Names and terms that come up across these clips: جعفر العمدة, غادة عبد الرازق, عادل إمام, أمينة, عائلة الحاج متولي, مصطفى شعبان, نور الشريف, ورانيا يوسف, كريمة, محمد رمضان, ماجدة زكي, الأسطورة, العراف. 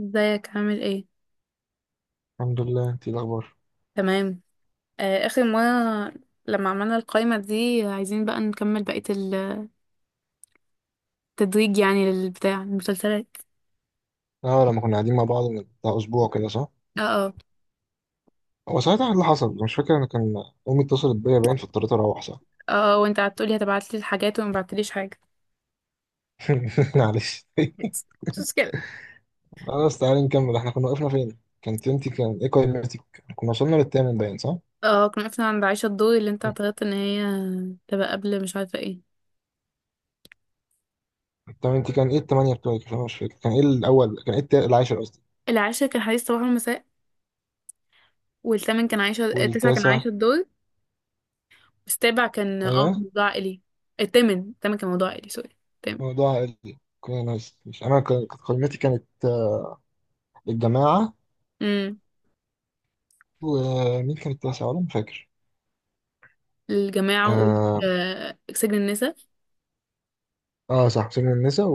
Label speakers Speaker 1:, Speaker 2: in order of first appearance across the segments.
Speaker 1: ازيك عامل ايه؟
Speaker 2: الحمد لله، انت ايه الاخبار؟
Speaker 1: تمام. آه، اخر مره لما عملنا القائمه دي عايزين بقى نكمل بقيه التدريج يعني للبتاع المسلسلات.
Speaker 2: اه، لما كنا قاعدين مع بعض من بتاع اسبوع كده، صح؟
Speaker 1: اه اه،
Speaker 2: هو ساعتها إيه اللي حصل؟ مش فاكر، انا كان امي اتصلت بيا باين فاضطريت اروح، صح.
Speaker 1: اه اه، وانت قعدت تقولي هتبعتلي الحاجات وما بعتليش حاجه.
Speaker 2: معلش.
Speaker 1: بس مش مشكله.
Speaker 2: خلاص تعالي نكمل، احنا كنا وقفنا فين؟ كانت انت كان ايه قائمتك؟ كنا وصلنا للثامن باين، صح.
Speaker 1: اه، كنا وقفنا عند عائشه الدور اللي انت اعترضت ان هي تبقى قبل، مش عارفه ايه.
Speaker 2: طب انت كان ايه الثمانية بتوعك؟ عشان انا مش فاكر، كان ايه الاول؟ كان ايه العاشر قصدي؟
Speaker 1: العاشر كان حديث صباح والمساء، والثامن كان عايشه، التاسع كان
Speaker 2: والتاسع؟
Speaker 1: عايشه الدور. السابع كان اه
Speaker 2: ايوه.
Speaker 1: كان موضوع عائلي. الثامن كان موضوع عائلي، سوري. الثامن.
Speaker 2: موضوع عائلي، كنا ناس مش انا، كانت قائمتي كانت الجماعة.
Speaker 1: امم
Speaker 2: ومين كان التاسع؟ ولا مش فاكر.
Speaker 1: الجماعه. وقلت
Speaker 2: آه،
Speaker 1: آه سجن النساء.
Speaker 2: اه صح، سجن النساء.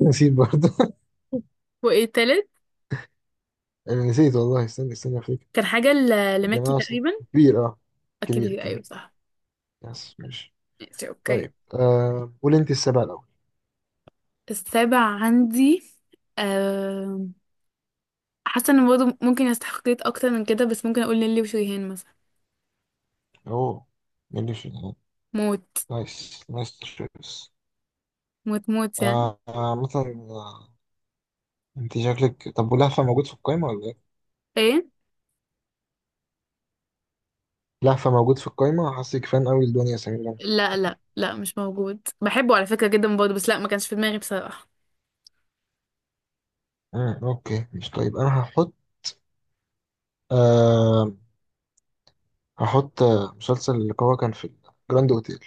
Speaker 2: نسيت برضه.
Speaker 1: وايه التالت؟
Speaker 2: انا نسيت والله، استنى استنى افتكر.
Speaker 1: كان حاجة
Speaker 2: الجمال
Speaker 1: لمكي
Speaker 2: عصام.
Speaker 1: تقريبا.
Speaker 2: كبير، اه. كبير
Speaker 1: الكبير،
Speaker 2: كبير.
Speaker 1: ايوه صح.
Speaker 2: يس، ماشي.
Speaker 1: ماشي، اوكي.
Speaker 2: طيب، قول انت السبعة الأول.
Speaker 1: السابع عندي. أم، حاسة ان برضه ممكن يستحقيت اكتر من كده، بس ممكن اقول نيلي وشريهان مثلا.
Speaker 2: اوه. ماشي.
Speaker 1: موت.
Speaker 2: نايس نايس تشويس.
Speaker 1: موت موت يعني.
Speaker 2: آه آه، مثلا، انت شكلك، طب ولهفة موجود في القايمة ولا ايه؟
Speaker 1: ايه؟
Speaker 2: لهفة موجود في القايمة، حاسك فان قوي لدنيا سمير غانم.
Speaker 1: لا لا لا، مش موجود، بحبه على فكرة جدا برضه، بس لا، ما كانش في دماغي بصراحة.
Speaker 2: مم، اوكي مش، طيب انا هحط آه مسلسل اللي هو كان في الجراند اوتيل.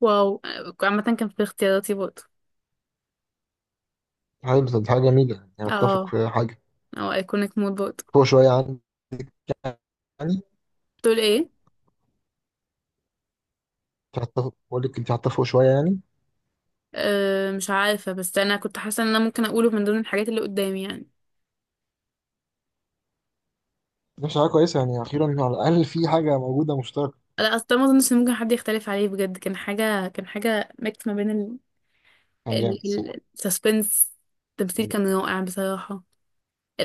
Speaker 1: واو. عامة كان في اختياراتي برضه.
Speaker 2: حلو، طب دي حاجة جميلة يعني، اتفق
Speaker 1: اه،
Speaker 2: في حاجة
Speaker 1: او ايكونيك مود برضه.
Speaker 2: فوق شوية عن يعني.
Speaker 1: تقول ايه؟
Speaker 2: تعتفق، بقول لك انت هتتفقوا شويه يعني.
Speaker 1: أه مش عارفة، بس انا كنت حاسة ان انا ممكن اقوله من ضمن الحاجات اللي قدامي يعني.
Speaker 2: مش حاجه كويسه يعني؟ اخيرا على الاقل في حاجه موجوده مشتركه.
Speaker 1: لا، اصل ده ما اظنش ان ممكن حد يختلف عليه بجد، كان حاجه ميكس ما بين
Speaker 2: كان جامد الصراحه.
Speaker 1: السسبنس. التمثيل كان رائع بصراحه.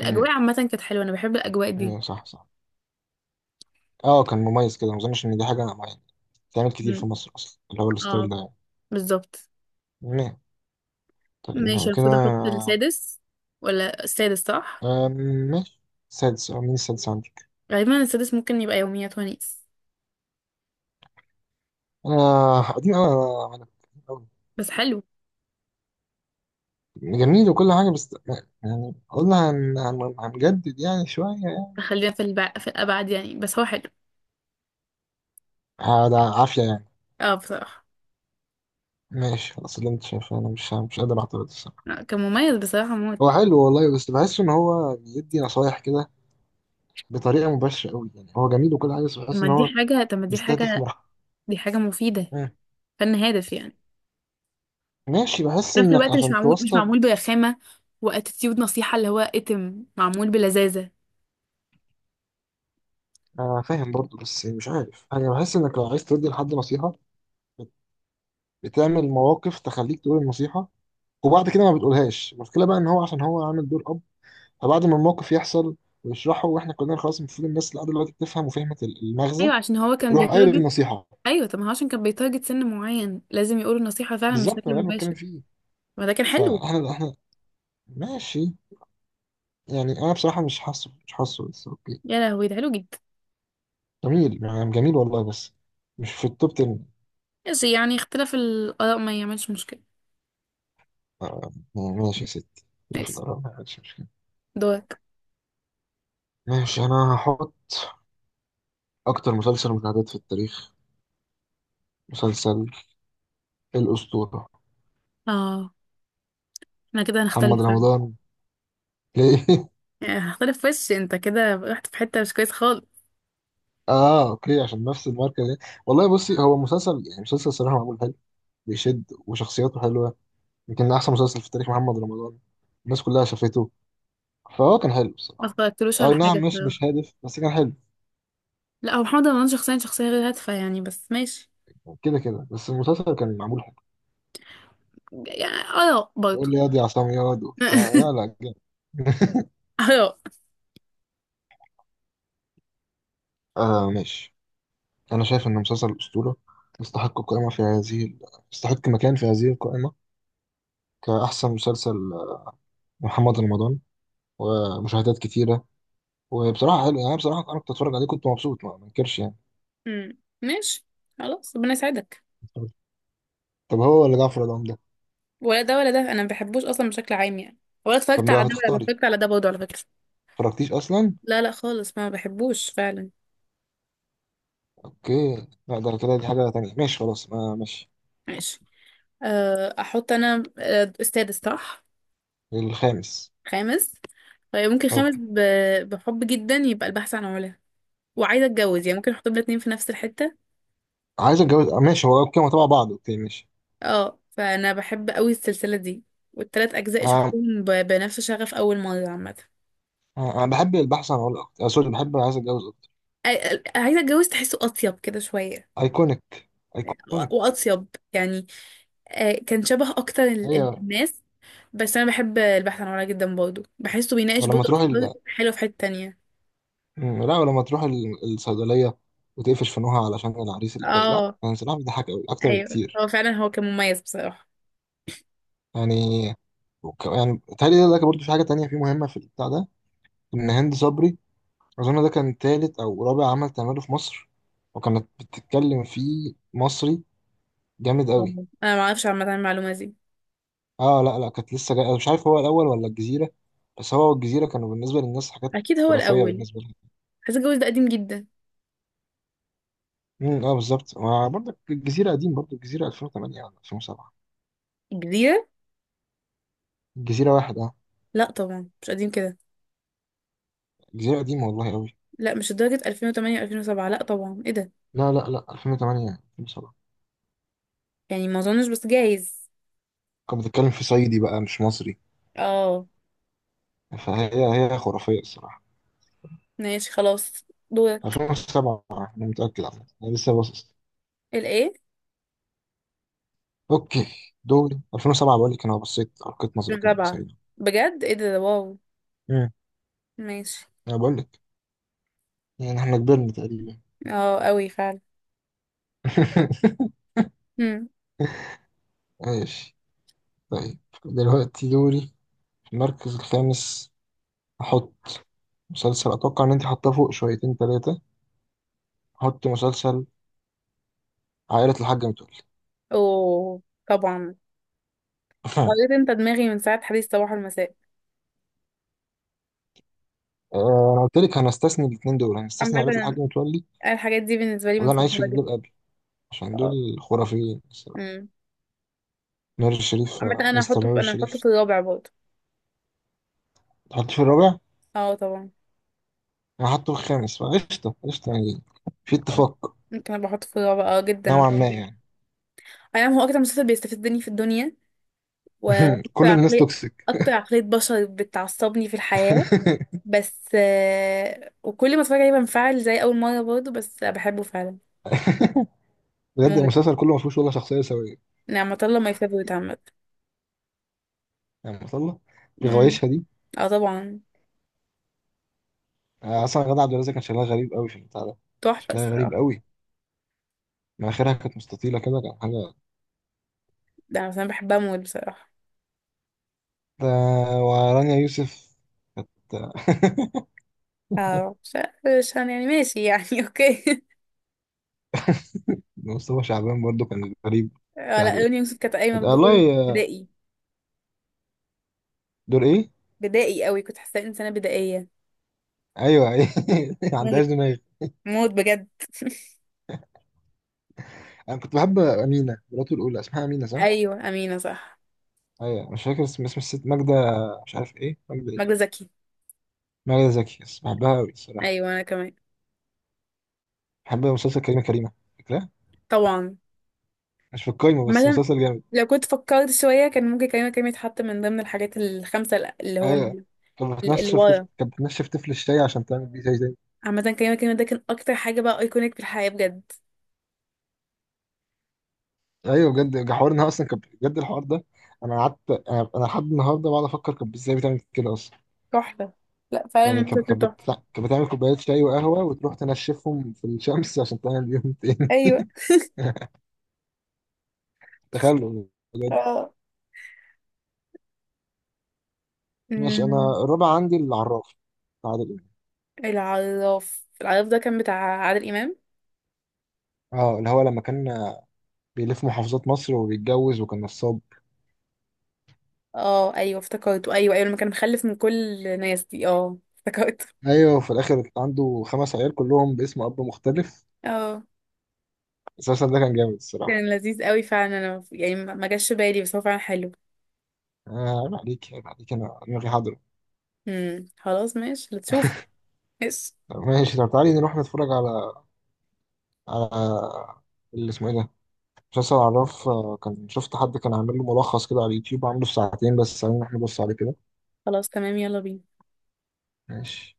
Speaker 2: امم،
Speaker 1: عامه كانت حلوه، انا بحب الاجواء دي.
Speaker 2: أيوة صح صح. اه، كان مميز كده، ما اظنش ان دي حاجه يعني بتتعمل كتير
Speaker 1: مم.
Speaker 2: في مصر اصلا، اللي هو الستايل
Speaker 1: اه،
Speaker 2: ده يعني.
Speaker 1: بالظبط.
Speaker 2: نعم. طيب، نعم
Speaker 1: ماشي،
Speaker 2: كده.
Speaker 1: المفروض احط السادس، ولا السادس صح.
Speaker 2: آم، ماشي. سادس، اه مين السادس عندك؟
Speaker 1: غالبا السادس ممكن يبقى يوميات ونيس،
Speaker 2: انا قديم قوي انا، أوي.
Speaker 1: بس حلو.
Speaker 2: جميل وكل حاجه بس يعني، قلنا هنجدد يعني شويه يعني.
Speaker 1: خلينا في الابعد يعني، بس هو حلو.
Speaker 2: ده عافيه يعني.
Speaker 1: اه بصراحه.
Speaker 2: ماشي خلاص، اللي انت شايفه، انا مش قادر اعترض.
Speaker 1: لا، كان مميز بصراحه موت.
Speaker 2: هو حلو والله، بس بحس ان هو بيدي نصايح كده بطريقه مباشره قوي يعني، هو جميل وكل حاجه بس بحس ان هو
Speaker 1: طب ما دي
Speaker 2: مستهدف
Speaker 1: حاجه،
Speaker 2: مرحله.
Speaker 1: دي حاجه مفيده.
Speaker 2: مم.
Speaker 1: فن هادف يعني،
Speaker 2: ماشي، بحس
Speaker 1: في نفس
Speaker 2: انك
Speaker 1: الوقت مش
Speaker 2: عشان توصل،
Speaker 1: معمول برخامة واتيتيود نصيحة، اللي هو اتم معمول بلذاذة.
Speaker 2: فاهم برضه، بس مش عارف، انا بحس انك لو عايز تدي لحد نصيحه بت- بتعمل مواقف تخليك تقول النصيحه، وبعد كده ما بتقولهاش. المشكله بقى ان هو عشان هو عامل دور اب، فبعد ما الموقف يحصل ويشرحه، واحنا كلنا خلاص المفروض الناس اللي قاعده دلوقتي بتفهم وفهمت المغزى،
Speaker 1: ايوه، عشان هو كان
Speaker 2: يروح قايل
Speaker 1: بيتارجت.
Speaker 2: النصيحه.
Speaker 1: ايوه، طب ما هو عشان كان بيتارجت سن معين لازم يقول النصيحة فعلا
Speaker 2: بالظبط، ما
Speaker 1: بشكل
Speaker 2: ده اللي بتكلم
Speaker 1: مباشر.
Speaker 2: فيه.
Speaker 1: ما ده كان حلو.
Speaker 2: فاحنا ماشي. يعني انا بصراحه مش حاسه بس اوكي.
Speaker 1: يا لهوي ده حلو جدا.
Speaker 2: جميل يعني، جميل والله، بس مش في التوب 10.
Speaker 1: بس يعني اختلاف الآراء ما يعملش مشكلة.
Speaker 2: آه، يعني ماشي يا ستي. لا، في
Speaker 1: ماشي.
Speaker 2: الآراء ما عادش مشكله.
Speaker 1: دورك.
Speaker 2: ماشي، انا هحط اكتر مسلسل مشاهدات في التاريخ، مسلسل الاسطوره،
Speaker 1: اه، احنا كده
Speaker 2: محمد
Speaker 1: هنختلف فعلا.
Speaker 2: رمضان. ليه؟
Speaker 1: يعني هنختلف، وش انت كده رحت في حتة مش كويس خالص.
Speaker 2: اه اوكي، عشان نفس الماركه دي. والله بصي، هو مسلسل يعني، مسلسل صراحه معمول حلو، بيشد، وشخصياته حلوه. يمكن احسن مسلسل في تاريخ محمد رمضان، الناس كلها شافته، فهو كان حلو
Speaker 1: ما
Speaker 2: بصراحه.
Speaker 1: اتفرجتلوش
Speaker 2: اي
Speaker 1: على حاجة
Speaker 2: نعم، مش
Speaker 1: الصراحة.
Speaker 2: هادف بس كان حلو،
Speaker 1: لا، هو محمد رمضان شخصيا شخصية غير هادفة يعني، بس ماشي.
Speaker 2: كده كده، بس المسلسل كان معمول حلو.
Speaker 1: يعني آراء برضه.
Speaker 2: يقول لي ياض يا عصام ياض وبتاع، لا لا جامد.
Speaker 1: آراء.
Speaker 2: ماشي. أنا شايف إن مسلسل الأسطورة يستحق قائمة في هذه ال- يستحق مكان في هذه القائمة كأحسن مسلسل، محمد رمضان، ومشاهدات كتيرة. وبصراحة حلو يعني، بصراحة أنا كنت أتفرج عليه كنت مبسوط، ما انكرش يعني.
Speaker 1: امم، ماشي. خلاص، ربنا يساعدك.
Speaker 2: طب هو ولا جعفر العمدة ده؟
Speaker 1: ولا ده ولا ده، انا ما بحبوش اصلا بشكل عام يعني. ولا
Speaker 2: طب
Speaker 1: اتفرجت على
Speaker 2: ما
Speaker 1: ده ولا
Speaker 2: هتختاري،
Speaker 1: اتفرجت على ده برضه، على فكره.
Speaker 2: متفرجتيش أصلا؟
Speaker 1: لا لا خالص، ما بحبوش فعلا.
Speaker 2: أوكي، لا ده كده دي حاجة تانية، ماشي خلاص، ما ماشي.
Speaker 1: ماشي. احط انا السادس صح.
Speaker 2: الخامس.
Speaker 1: خامس. طيب ممكن
Speaker 2: طب
Speaker 1: خامس، بحب جدا، يبقى البحث عن علا. وعايزه اتجوز يعني، ممكن احط الاتنين في نفس الحته.
Speaker 2: عايز أتجوز، ماشي هو كده تبع بعض، أوكي ماشي.
Speaker 1: اه، فانا بحب قوي السلسله دي، والتلات اجزاء
Speaker 2: انا
Speaker 1: شفتهم بنفس شغف اول مره عامه.
Speaker 2: أنا بحب البحث عن عملاق أكتر. آه، سوري، بحب عايز اتجوز اكتر.
Speaker 1: عايزه اتجوز تحسه اطيب كده شويه،
Speaker 2: ايكونيك، ايكونيك.
Speaker 1: واطيب يعني. كان شبه اكتر
Speaker 2: ايوه،
Speaker 1: الناس. بس انا بحب البحث عن ورا جدا برضه، بحسه بيناقش
Speaker 2: ولما
Speaker 1: برضه
Speaker 2: تروح
Speaker 1: أفكار حلوه في حته تانية.
Speaker 2: مم، لا ولما تروح الصيدليه وتقفش في نوها علشان العريس اللي جاي، لا
Speaker 1: اه.
Speaker 2: كان سلاح، بيضحك قوي اكتر
Speaker 1: ايوه،
Speaker 2: بكتير
Speaker 1: هو فعلا كان مميز بصراحه.
Speaker 2: يعني. يعني تهيألي ده برضه في حاجه تانية في مهمه في البتاع ده، ان هند صبري اظن ده كان تالت او رابع عمل تعمله في مصر، وكانت بتتكلم فيه مصري جامد
Speaker 1: آه.
Speaker 2: قوي.
Speaker 1: انا ما اعرفش عامه عن المعلومه دي.
Speaker 2: اه لا لا، كانت لسه جاية، مش عارف هو الاول ولا الجزيره، بس هو الجزيره كانوا بالنسبه للناس حاجات
Speaker 1: اكيد هو
Speaker 2: خرافيه
Speaker 1: الاول.
Speaker 2: بالنسبه لهم.
Speaker 1: حاسه الجواز ده قديم جدا.
Speaker 2: امم، اه بالظبط، ما برضك الجزيره قديم برضه، الجزيره 2008 ولا 2007؟
Speaker 1: الجزيره.
Speaker 2: الجزيره واحد، اه.
Speaker 1: لا طبعا مش قديم كده.
Speaker 2: الجزيره قديمه والله قوي.
Speaker 1: لا، مش لدرجه 2008 و2007، لا طبعا، ايه ده؟
Speaker 2: لا لا لا، 2008، 2007.
Speaker 1: يعني ما اظنش، بس جايز.
Speaker 2: كان بتتكلم في صعيدي بقى مش مصري،
Speaker 1: اه.
Speaker 2: فهي خرافيه الصراحه.
Speaker 1: ماشي خلاص، دورك.
Speaker 2: 2007 انا متاكد عامه، انا لسه باصص.
Speaker 1: الايه؟
Speaker 2: اوكي، دوري 2007، بقول لك انا بصيت القيت نظره كده
Speaker 1: الرابعة؟
Speaker 2: سعيده.
Speaker 1: بجد، ايه ده، واو.
Speaker 2: امم.
Speaker 1: ماشي.
Speaker 2: انا بقول لك، يعني احنا كبرنا تقريبا.
Speaker 1: اه، قوي فعلا. امم.
Speaker 2: ماشي. طيب، دلوقتي دوري في المركز الخامس أحط مسلسل أتوقع إن أنت حاطاه فوق شويتين تلاتة، أحط مسلسل عائلة الحاج متولي.
Speaker 1: اوه، طبعا. قريت انت دماغي من ساعة حديث صباح المساء.
Speaker 2: أنا قلت لك هنستثني الاتنين دول، هنستثني عائلة الحاج
Speaker 1: عامة
Speaker 2: متولي
Speaker 1: الحاجات دي بالنسبة لي
Speaker 2: وده أنا عايش في
Speaker 1: مفضلة جدا.
Speaker 2: جلباب أبي، عشان
Speaker 1: اه.
Speaker 2: دول خرافيين الصراحة.
Speaker 1: امم.
Speaker 2: نور الشريف،
Speaker 1: عامة
Speaker 2: مستر نور
Speaker 1: انا هحطه
Speaker 2: الشريف.
Speaker 1: في الرابع برضه.
Speaker 2: تحطيه في الرابع؟
Speaker 1: اه طبعا.
Speaker 2: أنا حاطه في الخامس، فقشطة قشطة يعني. في اتفاق،
Speaker 1: ممكن ابقى احطه في الرابع، اه جدا
Speaker 2: نوعا
Speaker 1: بحبه
Speaker 2: ما
Speaker 1: جدا.
Speaker 2: يعني.
Speaker 1: انا هو اكتر مسلسل بيستفزني في الدنيا، واكتر
Speaker 2: كل الناس
Speaker 1: عقلية،
Speaker 2: توكسيك.
Speaker 1: اكتر عقلية بشر بتعصبني في الحياة. بس وكل ما اتفرج عليه بنفعل زي اول مره برضه، بس بحبه فعلا.
Speaker 2: بجد،
Speaker 1: موت.
Speaker 2: المسلسل كله ما فيهوش ولا شخصية سوية،
Speaker 1: نعمة الله ماي فيفورت عامة.
Speaker 2: يعني ما شاء الله،
Speaker 1: أمم.
Speaker 2: بغوايشها دي.
Speaker 1: اه طبعا.
Speaker 2: اصلا غادة عبد الرازق كان شكلها غريب قوي في البتاع ده،
Speaker 1: تحفة
Speaker 2: شكلها غريب
Speaker 1: الصراحة.
Speaker 2: قوي، مناخيرها كانت مستطيله كده، كان حاجه.
Speaker 1: ده انا مثلا بحبها موت بصراحة.
Speaker 2: ده ورانيا يوسف كانت،
Speaker 1: اه، مش مش هن- يعني ماشي يعني. اوكي.
Speaker 2: مصطفى شعبان برضو كان غريب
Speaker 1: اه
Speaker 2: بتاع
Speaker 1: لا،
Speaker 2: ده.
Speaker 1: رانيا يوسف كانت قايمة
Speaker 2: آه،
Speaker 1: بدور
Speaker 2: والله،
Speaker 1: بدائي.
Speaker 2: دور ايه؟
Speaker 1: بدائي قوي، كنت حاساها انسانة بدائية.
Speaker 2: ايوه ايه ما
Speaker 1: موت.
Speaker 2: عندهاش دماغ.
Speaker 1: موت بجد.
Speaker 2: انا كنت بحب امينه مراته الاولى، اسمها امينه صح؟
Speaker 1: ايوه، امينة صح.
Speaker 2: ايوه، مش فاكر اسم الست ماجده، مش عارف ايه ماجده ايه.
Speaker 1: ماجدة زكي.
Speaker 2: ماجده زكي، بس بحبها قوي الصراحه.
Speaker 1: ايوه انا كمان.
Speaker 2: بحب مسلسل كريمه كريمه، فاكرها؟
Speaker 1: طبعا.
Speaker 2: مش في القايمه بس
Speaker 1: مثلا
Speaker 2: مسلسل جامد.
Speaker 1: لو كنت فكرت شوية كان ممكن كريمة كريم يتحط من ضمن الحاجات الخمسة اللي هو
Speaker 2: ايوه،
Speaker 1: من اللي ورا.
Speaker 2: كانت بتنشف طفل الشاي عشان تعمل بيه زي زي،
Speaker 1: عامة كريمة كريم ده كان أكتر حاجة بقى أيكونيك في الحياة بجد.
Speaker 2: ايوه بجد، حوار انها اصلا كانت، بجد الحوار ده، انا قعدت، انا لحد النهارده بقعد افكر كانت ازاي بتعمل كده اصلا.
Speaker 1: تحفة. لا فعلا
Speaker 2: يعني كانت
Speaker 1: المسلسل
Speaker 2: كانت
Speaker 1: تحفة.
Speaker 2: بت- كانت بتعمل كوبايات شاي وقهوه وتروح تنشفهم في الشمس عشان تعمل بيهم تاني.
Speaker 1: أيوة.
Speaker 2: تخيل، بجد.
Speaker 1: اه.
Speaker 2: ماشي،
Speaker 1: أمم.
Speaker 2: انا الرابع عندي العراف، عادل امام.
Speaker 1: العراف، العراف ده كان بتاع عادل إمام.
Speaker 2: اه، اللي هو لما كان بيلف محافظات مصر وبيتجوز وكان نصاب.
Speaker 1: اه أيوة افتكرته، أيوة أيوة لما كان مخلف من كل الناس دي، اه افتكرته.
Speaker 2: ايوه، وفي الاخر عنده خمس عيال كلهم باسم اب مختلف،
Speaker 1: اه،
Speaker 2: اساسا ده كان جامد الصراحه.
Speaker 1: كان لذيذ قوي فعلا، أنا يعني ما جاش بالي، بس هو فعلا حلو.
Speaker 2: آه، عيب عليك عيب عليك، انا دماغي حاضرة.
Speaker 1: خلاص ماشي هتشوف. ماشي.
Speaker 2: طب ماشي، طب تعالي نروح نتفرج على على اللي اسمه ايه ده، مسلسل عراف. كان شفت حد كان عامل له ملخص كده على اليوتيوب، عامله في ساعتين بس، عايزين احنا نبص عليه كده.
Speaker 1: خلاص تمام، يلا بينا.
Speaker 2: ماشي.